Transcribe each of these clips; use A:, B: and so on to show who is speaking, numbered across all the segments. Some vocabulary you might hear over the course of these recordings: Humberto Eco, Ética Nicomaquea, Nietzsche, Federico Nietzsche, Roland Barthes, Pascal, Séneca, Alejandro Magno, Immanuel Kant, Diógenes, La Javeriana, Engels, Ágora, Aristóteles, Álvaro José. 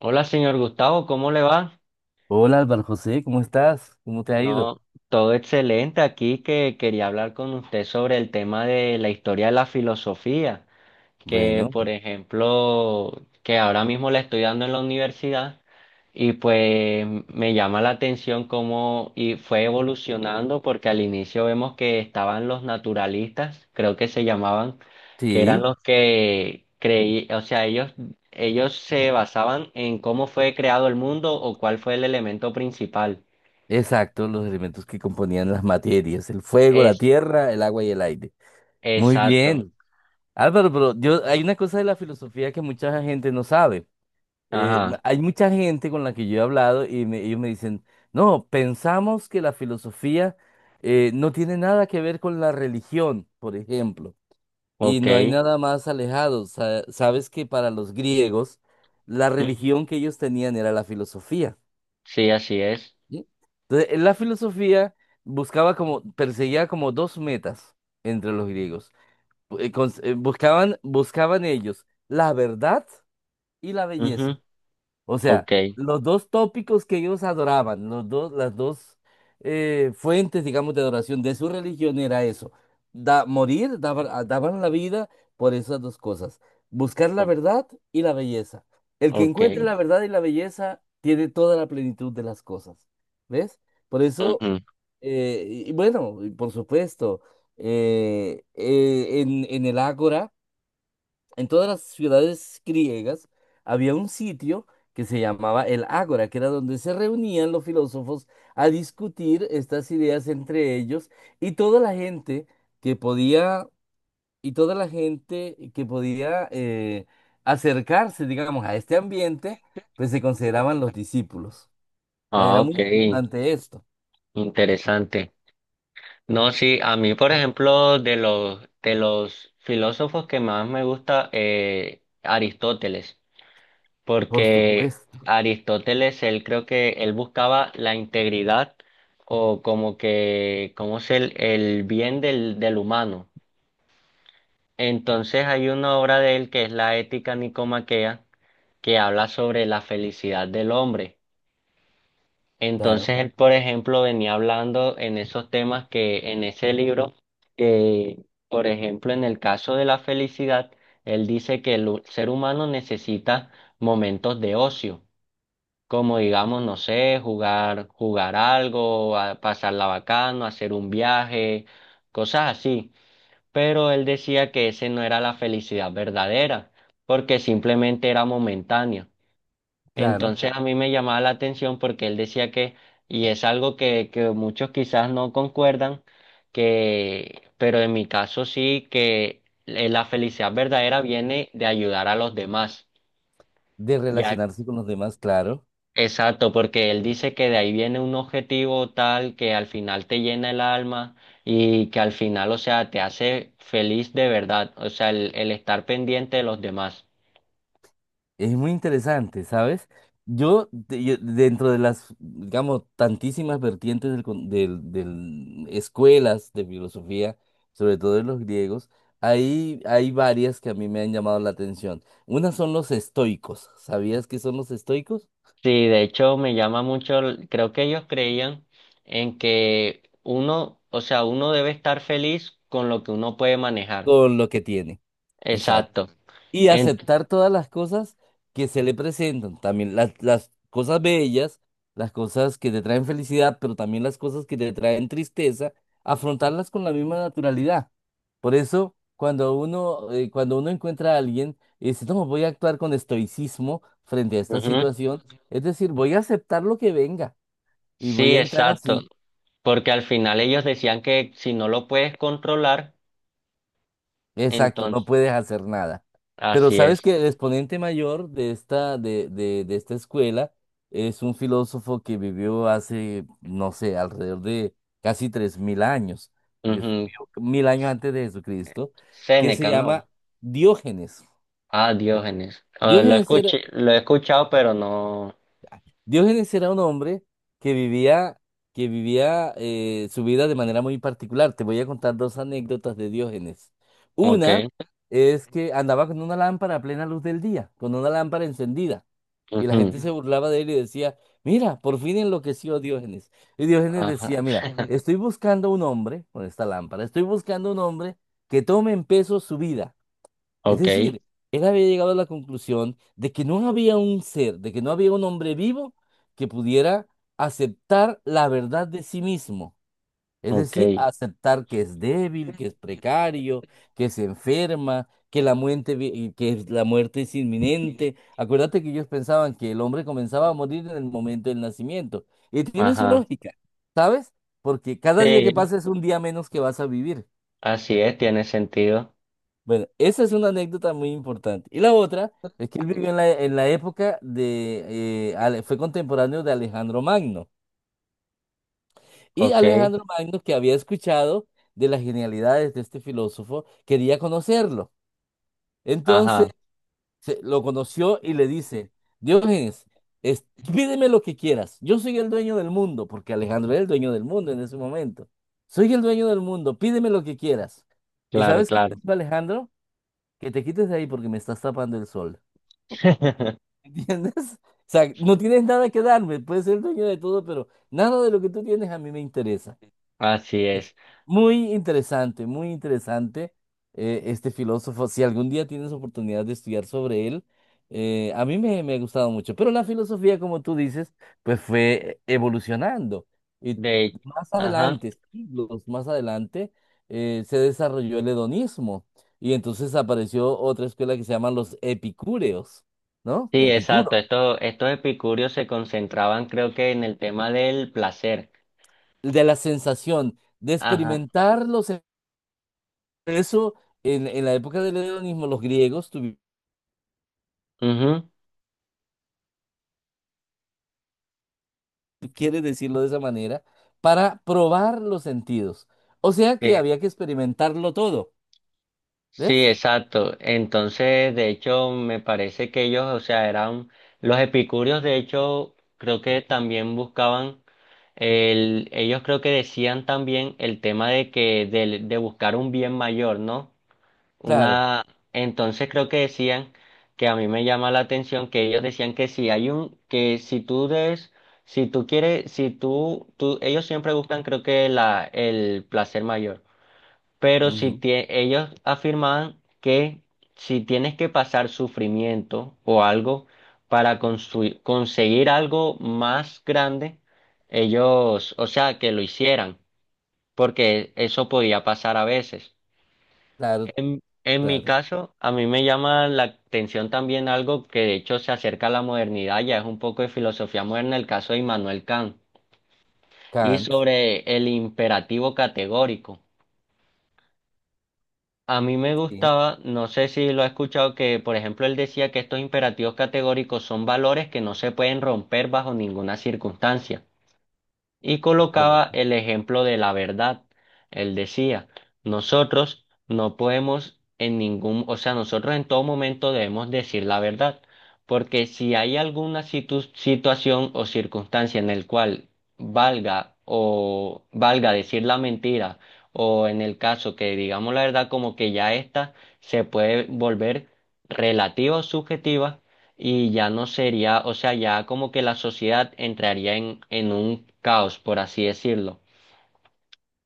A: Hola, señor Gustavo, ¿cómo le va?
B: Hola Álvaro José, ¿cómo estás? ¿Cómo te ha ido?
A: No, todo excelente aquí que quería hablar con usted sobre el tema de la historia de la filosofía que
B: Bueno,
A: por ejemplo, que ahora mismo la estoy dando en la universidad. Y pues me llama la atención cómo y fue evolucionando, porque al inicio vemos que estaban los naturalistas, creo que se llamaban, que eran
B: sí,
A: los que creí, o sea, ellos se basaban en cómo fue creado el mundo o cuál fue el elemento principal.
B: exacto, los elementos que componían las materias, el fuego, la
A: Es
B: tierra, el agua y el aire. Muy
A: exacto.
B: bien. Álvaro, pero hay una cosa de la filosofía que mucha gente no sabe. Eh,
A: Ajá.
B: ma- hay mucha gente con la que yo he hablado y ellos me dicen, no, pensamos que la filosofía no tiene nada que ver con la religión, por ejemplo. Y
A: Ok.
B: no hay nada más alejado. Sabes que para los griegos la
A: Ujú.
B: religión que ellos tenían era la filosofía.
A: Sí, así es.
B: ¿Sí? Entonces, en la filosofía buscaba como, perseguía como dos metas entre los griegos. Buscaban ellos la verdad y la belleza.
A: Ujú.
B: O sea,
A: Ok.
B: los dos tópicos que ellos adoraban, los dos, las dos fuentes, digamos, de adoración de su religión era eso. Da, morir, daban, a- daban la vida por esas dos cosas. Buscar la
A: O-
B: verdad y la belleza. El que
A: ok.
B: encuentre la verdad y la belleza tiene toda la plenitud de las cosas. ¿Ves? Por eso,
A: Ujú.
B: y bueno, y por supuesto, en el Ágora en todas las ciudades griegas había un sitio que se llamaba el Ágora, que era donde se reunían los filósofos a discutir estas ideas entre ellos y toda la gente que podía y toda la gente que podía acercarse, digamos, a este ambiente, pues se consideraban los discípulos.
A: Ah,
B: Era muy
A: ok,
B: importante esto,
A: interesante. No, sí, a mí, por ejemplo, de los filósofos que más me gusta, Aristóteles,
B: por
A: porque
B: supuesto,
A: Aristóteles, él creo que él buscaba la integridad o como que, como es el bien del, del humano. Entonces hay una obra de él que es la Ética Nicomaquea, que habla sobre la felicidad del hombre.
B: claro,
A: Entonces él, por ejemplo, venía hablando en esos temas que en ese libro, que, por ejemplo, en el caso de la felicidad, él dice que el hu- ser humano necesita momentos de ocio, como digamos, no sé, jugar, jugar algo, a- pasarla bacano, hacer un viaje, cosas así. Pero él decía que ese no era la felicidad verdadera, porque simplemente era momentánea.
B: claro,
A: Entonces a mí me llamaba la atención porque él decía que, y es algo que muchos quizás no concuerdan, que, pero en mi caso sí, que la felicidad verdadera viene de ayudar a los demás.
B: de
A: Ya,
B: relacionarse con los demás, claro.
A: exacto, porque él dice que de ahí viene un objetivo tal que al final te llena el alma y que al final, o sea, te hace feliz de verdad, o sea, el estar pendiente de los demás.
B: Es muy interesante, ¿sabes? Dentro de las, digamos, tantísimas vertientes del, con- del, del- escuelas de filosofía, sobre todo de los griegos, hay varias que a mí me han llamado la atención. Una son los estoicos. ¿Sabías qué son los estoicos?
A: Sí, de hecho me llama mucho, el- creo que ellos creían en que uno, o sea, uno debe estar feliz con lo que uno puede manejar.
B: Con lo que tiene. Exacto.
A: Exacto.
B: Y
A: En-
B: aceptar todas las cosas que se le presentan, también las cosas bellas, las cosas que te traen felicidad, pero también las cosas que te traen tristeza, afrontarlas con la misma naturalidad. Por eso, cuando uno encuentra a alguien y dice, no, voy a actuar con estoicismo frente a esta
A: Ujú.
B: situación, es decir, voy a aceptar lo que venga y voy
A: Sí,
B: a entrar así.
A: exacto. Porque al final ellos decían que si no lo puedes controlar,
B: Exacto, no
A: entonces,
B: puedes hacer nada. Pero
A: así
B: sabes
A: es.
B: que el exponente mayor de esta escuela es un filósofo que vivió hace, no sé, alrededor de casi 3000 años, porque
A: Ujú.
B: vivió 1000 años antes de Jesucristo, que se
A: Séneca,
B: llama
A: ¿no?
B: Diógenes.
A: Ah, Diógenes. Ah, lo
B: Diógenes era,
A: escuché, lo he escuchado, pero no.
B: Diógenes era un hombre que vivía, que vivía su vida de manera muy particular. Te voy a contar dos anécdotas de Diógenes.
A: Ok.
B: Una es que andaba con una lámpara a plena luz del día, con una lámpara encendida. Y la
A: Ujú.
B: gente se burlaba de él y decía, mira, por fin enloqueció Diógenes. Y Diógenes
A: Ajá.
B: decía, mira, estoy buscando un hombre, con esta lámpara, estoy buscando un hombre que tome en peso su vida. Es
A: Ok,
B: decir, él había llegado a la conclusión de que no había un ser, de que no había un hombre vivo que pudiera aceptar la verdad de sí mismo. Es
A: ok.
B: decir, aceptar que es débil, que es precario, que se enferma, que la muerte es inminente. Acuérdate que ellos pensaban que el hombre comenzaba a morir en el momento del nacimiento. Y tiene su
A: Ajá,
B: lógica, ¿sabes? Porque cada día que
A: sí,
B: pasa es un día menos que vas a vivir.
A: así es, tiene sentido.
B: Bueno, esa es una anécdota muy importante. Y la otra es que él vivió en la época. Fue contemporáneo de Alejandro Magno. Y
A: Ok,
B: Alejandro Magno, que había escuchado de las genialidades de este filósofo, quería conocerlo.
A: ajá,
B: Entonces lo conoció y le dice, Diógenes, pídeme lo que quieras. Yo soy el dueño del mundo, porque Alejandro era el dueño del mundo en ese momento. Soy el dueño del mundo, pídeme lo que quieras. ¿Y
A: claro,
B: sabes qué te
A: claro.
B: dijo Alejandro? Que te quites de ahí porque me estás tapando el sol. ¿Entiendes? O sea, no tienes nada que darme, puedes ser dueño de todo, pero nada de lo que tú tienes a mí me interesa.
A: Así
B: Es
A: es.
B: Muy interesante este filósofo. Si algún día tienes oportunidad de estudiar sobre él, a mí me ha gustado mucho. Pero la filosofía, como tú dices, pues fue evolucionando. Y
A: De,
B: más
A: ajá,
B: adelante, siglos más adelante, se desarrolló el hedonismo. Y entonces apareció otra escuela que se llaman los epicúreos, ¿no?
A: sí, exacto.
B: Epicuro.
A: Estos, estos epicúreos se concentraban, creo que, en el tema del placer.
B: de la sensación, de
A: Ajá,
B: experimentarlos. Eso en la época del hedonismo, los griegos,
A: mhm.
B: quiere decirlo de esa manera, para probar los sentidos. O sea que había que experimentarlo todo,
A: Sí,
B: ¿ves?
A: exacto. Entonces, de hecho, me parece que ellos, o sea, eran los epicúreos, de hecho, creo que también buscaban el, ellos creo que decían también el tema de que de buscar un bien mayor, ¿no?
B: Claro,
A: Una, entonces creo que decían que a mí me llama la atención que ellos decían que si hay un, que si tú des, si tú quieres, si tú, tú, ellos siempre buscan creo que la, el placer mayor. Pero si
B: ujú,
A: tie- ellos afirmaban que si tienes que pasar sufrimiento o algo para construi- conseguir algo más grande, ellos, o sea, que lo hicieran, porque eso podía pasar a veces.
B: claro,
A: En mi
B: claro.
A: caso, a mí me llama la atención también algo que de hecho se acerca a la modernidad, ya es un poco de filosofía moderna, el caso de Immanuel Kant, y
B: Kant,
A: sobre el imperativo categórico. A mí me
B: sí,
A: gustaba, no sé si lo ha escuchado, que por ejemplo él decía que estos imperativos categóricos son valores que no se pueden romper bajo ninguna circunstancia, y colocaba
B: correcto.
A: el ejemplo de la verdad. Él decía, nosotros no podemos en ningún, o sea, nosotros en todo momento debemos decir la verdad, porque si hay alguna situ- situación o circunstancia en el cual valga o valga decir la mentira, o en el caso que digamos la verdad como que ya esta se puede volver relativa o subjetiva, y ya no sería, o sea, ya como que la sociedad entraría en un caos, por así decirlo.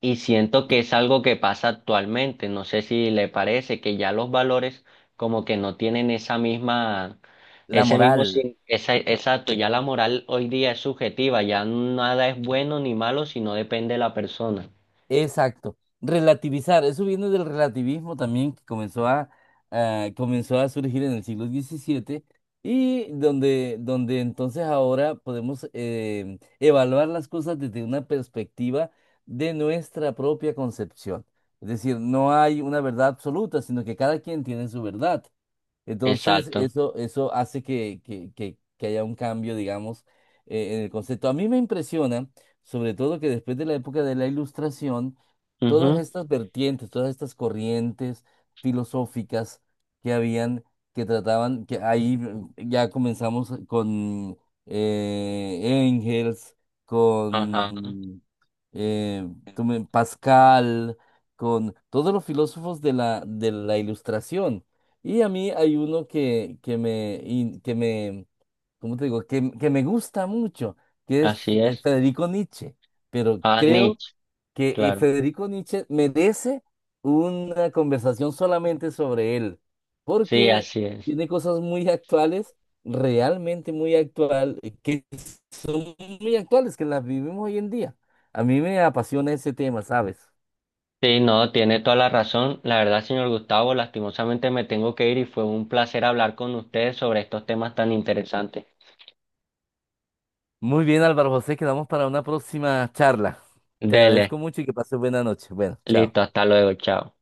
A: Y siento que
B: Sí.
A: es algo que pasa actualmente. No sé si le parece que ya los valores como que no tienen esa misma,
B: La
A: ese mismo,
B: moral.
A: sin- esa, exacto, ya la moral hoy día es subjetiva, ya nada es bueno ni malo, sino depende de la persona.
B: Exacto. Relativizar. Eso viene del relativismo también que comenzó a surgir en el siglo XVII y donde entonces ahora podemos evaluar las cosas desde una perspectiva de nuestra propia concepción. Es decir, no hay una verdad absoluta, sino que cada quien tiene su verdad. Entonces,
A: Exacto.
B: eso, hace que haya un cambio, digamos, en el concepto. A mí me impresiona, sobre todo, que después de la época de la Ilustración, todas
A: Ujú.
B: estas vertientes, todas estas corrientes filosóficas que habían, que trataban, que ahí ya comenzamos con Engels,
A: Ajá.
B: con eh, Pascal, con todos los filósofos de la Ilustración. Y a mí hay uno que, que me, ¿cómo te digo? Que me gusta mucho, que es
A: Así es.
B: Federico Nietzsche. Pero
A: Ah,
B: creo
A: Nietzsche,
B: que
A: claro.
B: Federico Nietzsche merece una conversación solamente sobre él,
A: Sí,
B: porque
A: así es.
B: tiene cosas muy actuales, realmente muy actual, que son muy actuales, que las vivimos hoy en día. A mí me apasiona ese tema, ¿sabes?
A: Sí, no, tiene toda la razón. La verdad, señor Gustavo, lastimosamente me tengo que ir y fue un placer hablar con ustedes sobre estos temas tan interesantes.
B: Muy bien, Álvaro José, quedamos para una próxima charla. Te
A: Dele,
B: agradezco mucho y que pases buena noche. Bueno, chao.
A: listo, hasta luego, chao.